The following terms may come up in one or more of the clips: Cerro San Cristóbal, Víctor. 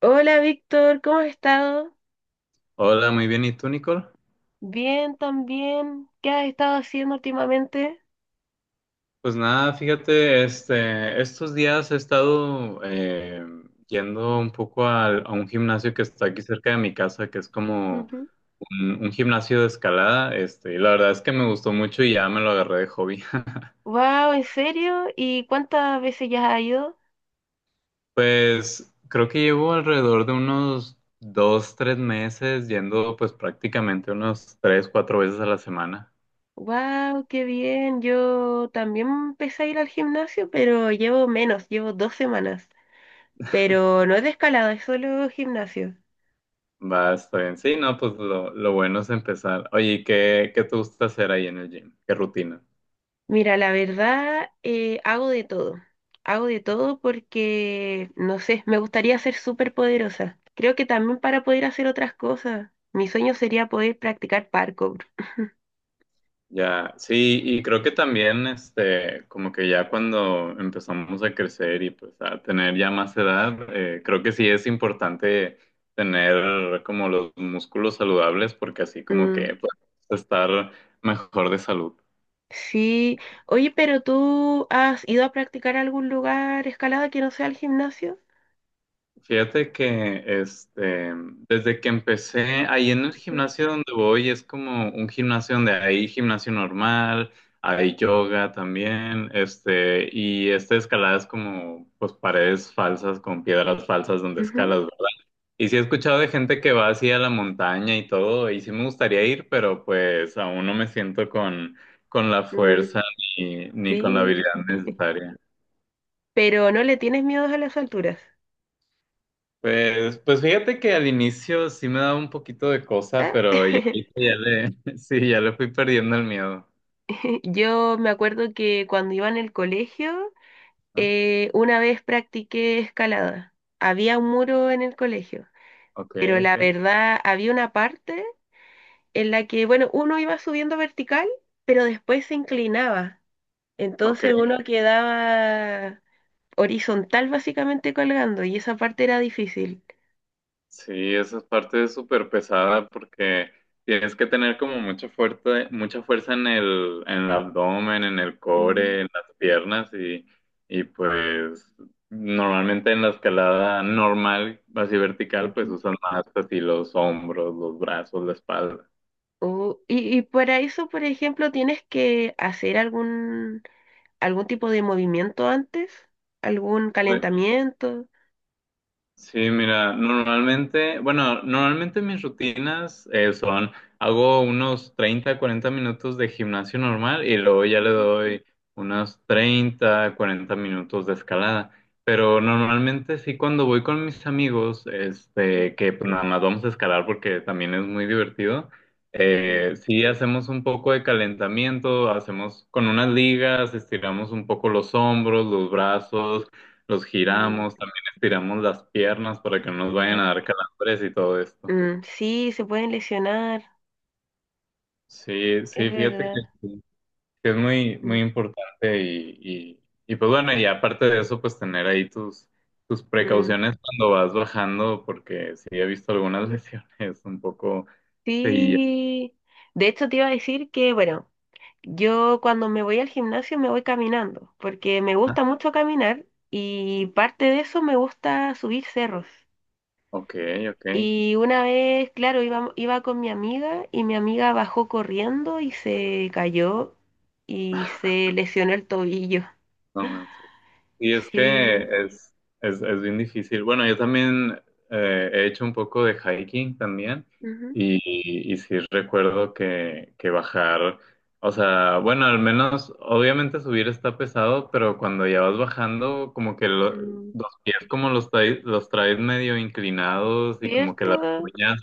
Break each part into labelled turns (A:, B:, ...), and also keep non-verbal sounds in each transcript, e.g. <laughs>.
A: Hola Víctor, ¿cómo has estado?
B: Hola, muy bien. ¿Y tú, Nicole?
A: Bien, también. ¿Qué has estado haciendo últimamente?
B: Pues nada, fíjate, estos días he estado yendo un poco un gimnasio que está aquí cerca de mi casa, que es como un gimnasio de escalada, y la verdad es que me gustó mucho y ya me lo agarré de hobby. <laughs>
A: Wow, ¿en serio? ¿Y cuántas veces ya has ido?
B: Pues creo que llevo alrededor de unos 2, 3 meses yendo pues prácticamente unos 3, 4 veces a la semana.
A: Wow, qué bien. Yo también empecé a ir al gimnasio, pero llevo menos, llevo 2 semanas. Pero no es de escalada, es solo gimnasio.
B: Va, está bien. Sí, no, pues lo bueno es empezar. Oye, ¿y qué te gusta hacer ahí en el gym? ¿Qué rutina?
A: Mira, la verdad, hago de todo. Hago de todo porque, no sé, me gustaría ser súper poderosa. Creo que también para poder hacer otras cosas. Mi sueño sería poder practicar parkour. <laughs>
B: Ya, sí, y creo que también, como que ya cuando empezamos a crecer y pues a tener ya más edad, creo que sí es importante tener como los músculos saludables porque así como
A: Mm,
B: que pues, estar mejor de salud.
A: sí. Oye, ¿pero tú has ido a practicar a algún lugar escalada que no sea el gimnasio?
B: Fíjate que desde que empecé ahí en el
A: Ujú,
B: gimnasio donde voy, es como un gimnasio donde hay gimnasio normal, hay yoga también, y esta escalada es como pues paredes falsas con piedras falsas donde
A: ujú.
B: escalas, ¿verdad? Y sí he escuchado de gente que va así a la montaña y todo, y sí me gustaría ir, pero pues aún no me siento con la
A: Mm,
B: fuerza ni con la
A: sí.
B: habilidad necesaria.
A: ¿Pero no le tienes miedo a las alturas?
B: Pues, pues fíjate que al inicio sí me daba un poquito de cosa,
A: Ah,
B: pero
A: <laughs>
B: <laughs> sí, ya le fui perdiendo el miedo.
A: yo me acuerdo que cuando iba en el colegio.
B: Ah,
A: Una vez practiqué escalada. Había un muro en el colegio,
B: ok,
A: pero la
B: ok,
A: verdad había una parte en la que, bueno, uno iba subiendo vertical, pero después se inclinaba. Entonces
B: ok.
A: uno quedaba horizontal básicamente colgando y esa parte era difícil.
B: Sí, esa parte es súper pesada porque tienes que tener como mucha fuerza en el abdomen, en el
A: Ujú,
B: core, en las piernas y pues normalmente en la escalada normal, así vertical, pues
A: ujú.
B: usas más así los hombros, los brazos, la espalda.
A: Oh, y para eso, por ejemplo, tienes que hacer algún, algún tipo de movimiento antes, algún calentamiento.
B: Sí, mira, normalmente, bueno, normalmente mis rutinas son, hago unos 30, 40 minutos de gimnasio normal y luego ya le
A: Ujú,
B: doy unos 30, 40 minutos de escalada. Pero normalmente sí cuando voy con mis amigos, que pues, nada más vamos a escalar porque también es muy divertido,
A: ujú,
B: sí hacemos un poco de calentamiento, hacemos con unas ligas, estiramos un poco los hombros, los brazos, los
A: ujú.
B: giramos. Estiramos las piernas para que no nos vayan a
A: Claro.
B: dar calambres y todo esto.
A: Mm, sí, se pueden lesionar,
B: Sí,
A: es
B: sí, fíjate que
A: verdad.
B: sí, que es muy, muy
A: Mm,
B: importante, y, y pues bueno. Y aparte de eso, pues tener ahí tus
A: mm,
B: precauciones cuando vas bajando, porque sí he visto algunas <laughs> lesiones un poco seguidas.
A: sí. De hecho, te iba a decir que, bueno, yo cuando me voy al gimnasio me voy caminando, porque me
B: Ah,
A: gusta mucho caminar y parte de eso me gusta subir cerros.
B: ok, ok.
A: Y una vez, claro, iba con mi amiga y mi amiga bajó corriendo y se cayó y se lesionó el tobillo.
B: No
A: <laughs>
B: manches. Y es
A: Sí.
B: que es bien difícil. Bueno, yo también he hecho un poco de hiking también
A: Ujú.
B: y, y sí recuerdo que bajar, o sea, bueno, al menos obviamente subir está pesado, pero cuando ya vas bajando, como que
A: Mm,
B: los pies como los traes medio inclinados y como que las
A: ¿cierto?
B: uñas,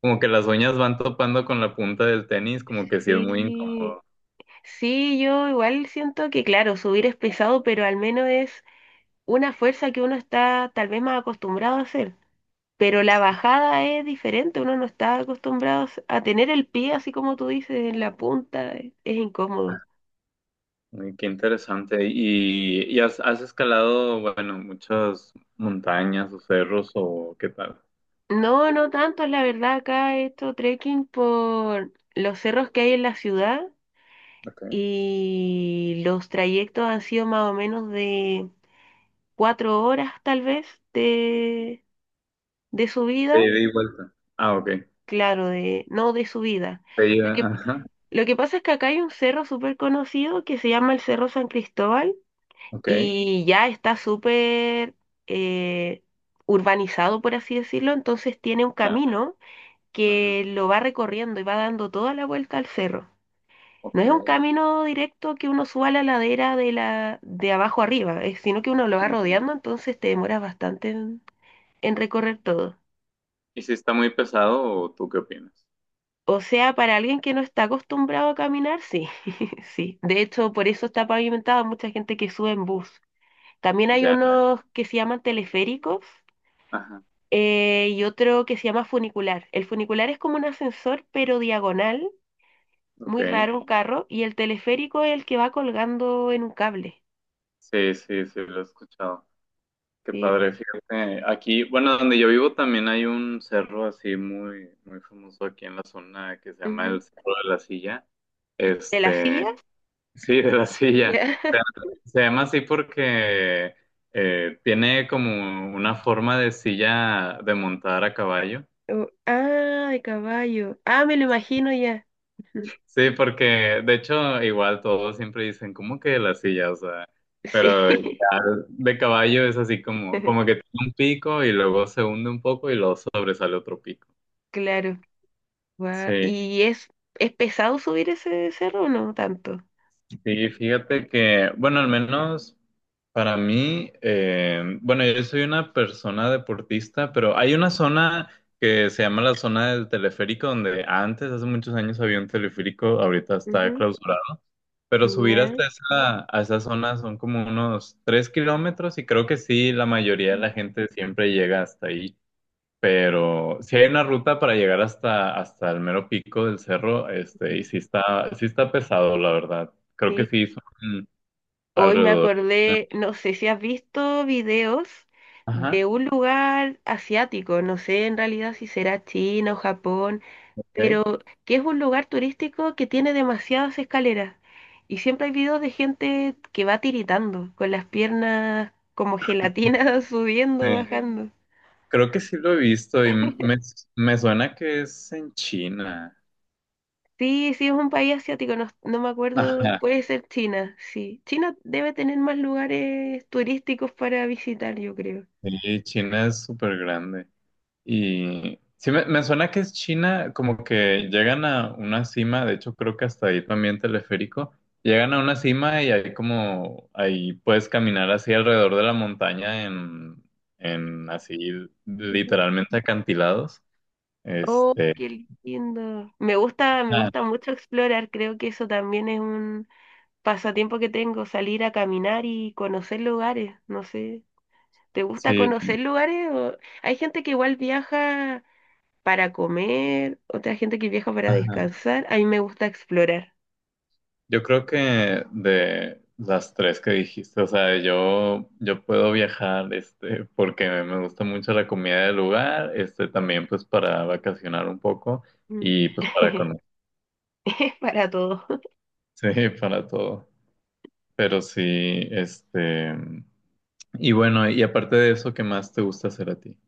B: como que las uñas van topando con la punta del tenis, como que sí es muy
A: Sí,
B: incómodo.
A: sí, yo igual siento que, claro, subir es pesado, pero al menos es una fuerza que uno está tal vez más acostumbrado a hacer. Pero la bajada es diferente, uno no está acostumbrado a tener el pie así como tú dices, en la punta, es incómodo.
B: Uy, qué interesante. ¿Y has escalado, bueno, muchas montañas o cerros o qué tal?
A: No, no tanto, la verdad, acá he hecho trekking por los cerros que hay en la ciudad
B: Okay.
A: y los trayectos han sido más o menos de 4 horas tal vez de, de
B: De
A: subida,
B: ida y vuelta. Ah, ok.
A: claro, de, no de subida.
B: De
A: Lo
B: ida,
A: que,
B: ajá.
A: lo que pasa es que acá hay un cerro súper conocido que se llama el Cerro San Cristóbal
B: Ok.
A: y ya está súper eh, urbanizado, por así decirlo, entonces tiene un
B: Ya.
A: camino
B: Ajá.
A: que lo va recorriendo y va dando toda la vuelta al cerro. No
B: Ok.
A: es un camino directo que uno suba la ladera de la de abajo arriba, sino que uno lo va rodeando, entonces te demoras bastante en recorrer todo.
B: ¿Y si está muy pesado o tú qué opinas?
A: O sea, para alguien que no está acostumbrado a caminar, sí, <laughs> sí. De hecho, por eso está pavimentado, mucha gente que sube en bus. También hay
B: Ya.
A: unos que se llaman teleféricos
B: Ajá.
A: y otro que se llama funicular. El funicular es como un ascensor, pero diagonal,
B: Ok.
A: muy raro, un carro, y el teleférico es el que va colgando en un cable.
B: Sí, sí, sí, lo he escuchado. Qué
A: Sí.
B: padre. Fíjate, aquí, bueno, donde yo vivo también hay un cerro así muy, muy famoso aquí en la zona que se llama el
A: Ujú.
B: Cerro de la Silla.
A: ¿De la
B: Este.
A: silla?
B: Sí, de la silla.
A: Ya.
B: Pero
A: <laughs>
B: se llama así porque tiene como una forma de silla de montar a caballo.
A: Oh, ah, de caballo. Ah, me lo imagino ya. Ujú.
B: Sí, porque de hecho igual todos siempre dicen, ¿cómo que la silla? O sea,
A: Sí,
B: pero ya de caballo es así como
A: <laughs>
B: que tiene un pico y luego se hunde un poco y luego sobresale otro pico.
A: claro. Guau,
B: Sí,
A: ¿y es pesado subir ese cerro o no tanto?
B: sí, fíjate que, bueno, al menos para mí, bueno, yo soy una persona deportista, pero hay una zona que se llama la zona del teleférico, donde antes, hace muchos años, había un teleférico, ahorita está
A: Ujú,
B: clausurado, pero subir hasta
A: ya.
B: a esa zona son como unos 3 kilómetros y creo que sí, la mayoría de
A: Ujú.
B: la gente siempre llega hasta ahí. Pero si hay una ruta para llegar hasta el mero pico del cerro, y sí está pesado, la verdad. Creo que
A: Sí.
B: sí son
A: Hoy me
B: alrededor.
A: acordé, no sé si has visto videos de
B: Ajá,
A: un lugar asiático, no sé en realidad si será China o Japón,
B: ok.
A: pero que es un lugar turístico que tiene demasiadas escaleras. Y siempre hay videos de gente que va tiritando, con las piernas como gelatinas <laughs>
B: Sí.
A: subiendo, bajando.
B: Creo que sí lo he visto y me suena que es en China.
A: Sí, sí, es un país asiático, no, no me acuerdo,
B: Ajá.
A: puede ser China, sí. China debe tener más lugares turísticos para visitar, yo creo.
B: Sí, China es súper grande. Y sí, me suena que es China, como que llegan a una cima, de hecho creo que hasta ahí también teleférico, llegan a una cima y ahí puedes caminar así alrededor de la montaña en así
A: Ujú.
B: literalmente acantilados.
A: Oh,
B: Este,
A: qué lindo. Me
B: ah,
A: gusta mucho explorar, creo que eso también es un pasatiempo que tengo, salir a caminar y conocer lugares, no sé. ¿Te gusta
B: sí,
A: conocer lugares? O- hay gente que igual viaja para comer, otra gente que viaja para
B: ajá.
A: descansar, a mí me gusta explorar.
B: Yo creo que de las tres que dijiste, o sea, yo puedo viajar, porque me gusta mucho la comida del lugar, también pues para vacacionar un poco
A: Mm.
B: y pues para
A: <laughs>
B: conocer,
A: Es para todo.
B: <laughs> sí, para todo. Pero sí, y bueno, y aparte de eso, ¿qué más te gusta hacer a ti?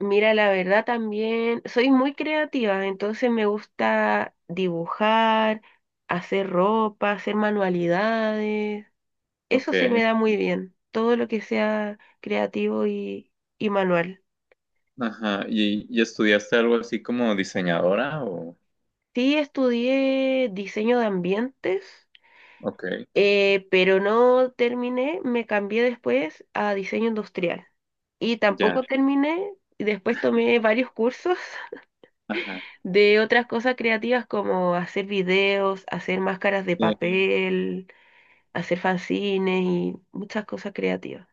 A: Mira, la verdad también soy muy creativa, entonces me gusta dibujar, hacer ropa, hacer manualidades.
B: Ok,
A: Eso se me da muy bien, todo lo que sea creativo y manual.
B: ajá, ¿y estudiaste algo así como diseñadora o?
A: Sí, estudié diseño de ambientes,
B: Ok,
A: pero no terminé, me cambié después a diseño industrial. Y
B: ya,
A: tampoco terminé, y después tomé varios cursos <laughs>
B: ajá.
A: de otras cosas creativas como hacer videos, hacer máscaras de papel, hacer fanzines y muchas cosas creativas.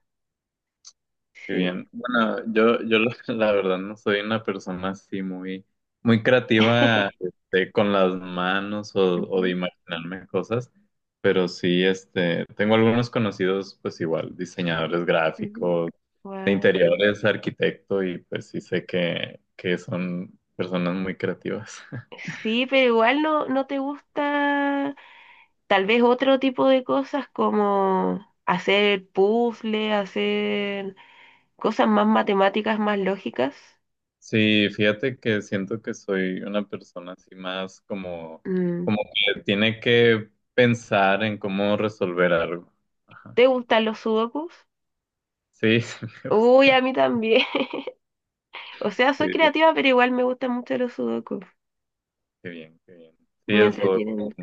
B: Qué
A: Sí.
B: bien. Bueno, yo la <laughs> la verdad no soy una persona así muy, muy creativa
A: <laughs>
B: con las manos o de
A: Ujú,
B: imaginarme cosas, pero sí, tengo algunos conocidos, pues igual, diseñadores
A: ujú.
B: gráficos, de
A: Guau.
B: interiores, arquitecto, y pues sí sé que son personas muy creativas. <laughs>
A: Sí, pero igual no, no te gusta tal vez otro tipo de cosas como hacer puzzles, hacer cosas más matemáticas, más lógicas.
B: Sí, fíjate que siento que soy una persona así más como,
A: Mm.
B: como que tiene que pensar en cómo resolver algo. Ajá.
A: ¿Te gustan los sudokus?
B: Sí, <laughs> sí me
A: Uy,
B: gustan.
A: a mí también. <laughs> O sea, soy
B: Sí,
A: creativa, pero igual me gustan mucho los sudokus.
B: qué bien, qué bien. Sí,
A: Me
B: eso,
A: entretienen.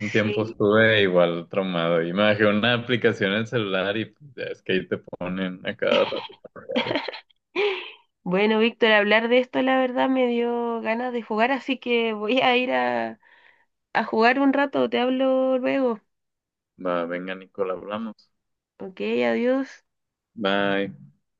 B: un tiempo estuve igual traumado. Y me bajé una aplicación en el celular y pues, ya es que ahí te ponen a cada rato.
A: Bueno, Víctor, hablar de esto la verdad me dio ganas de jugar, así que voy a ir a jugar un rato. Te hablo luego.
B: Va, venga, Nicola, hablamos.
A: Ok, adiós.
B: Bye.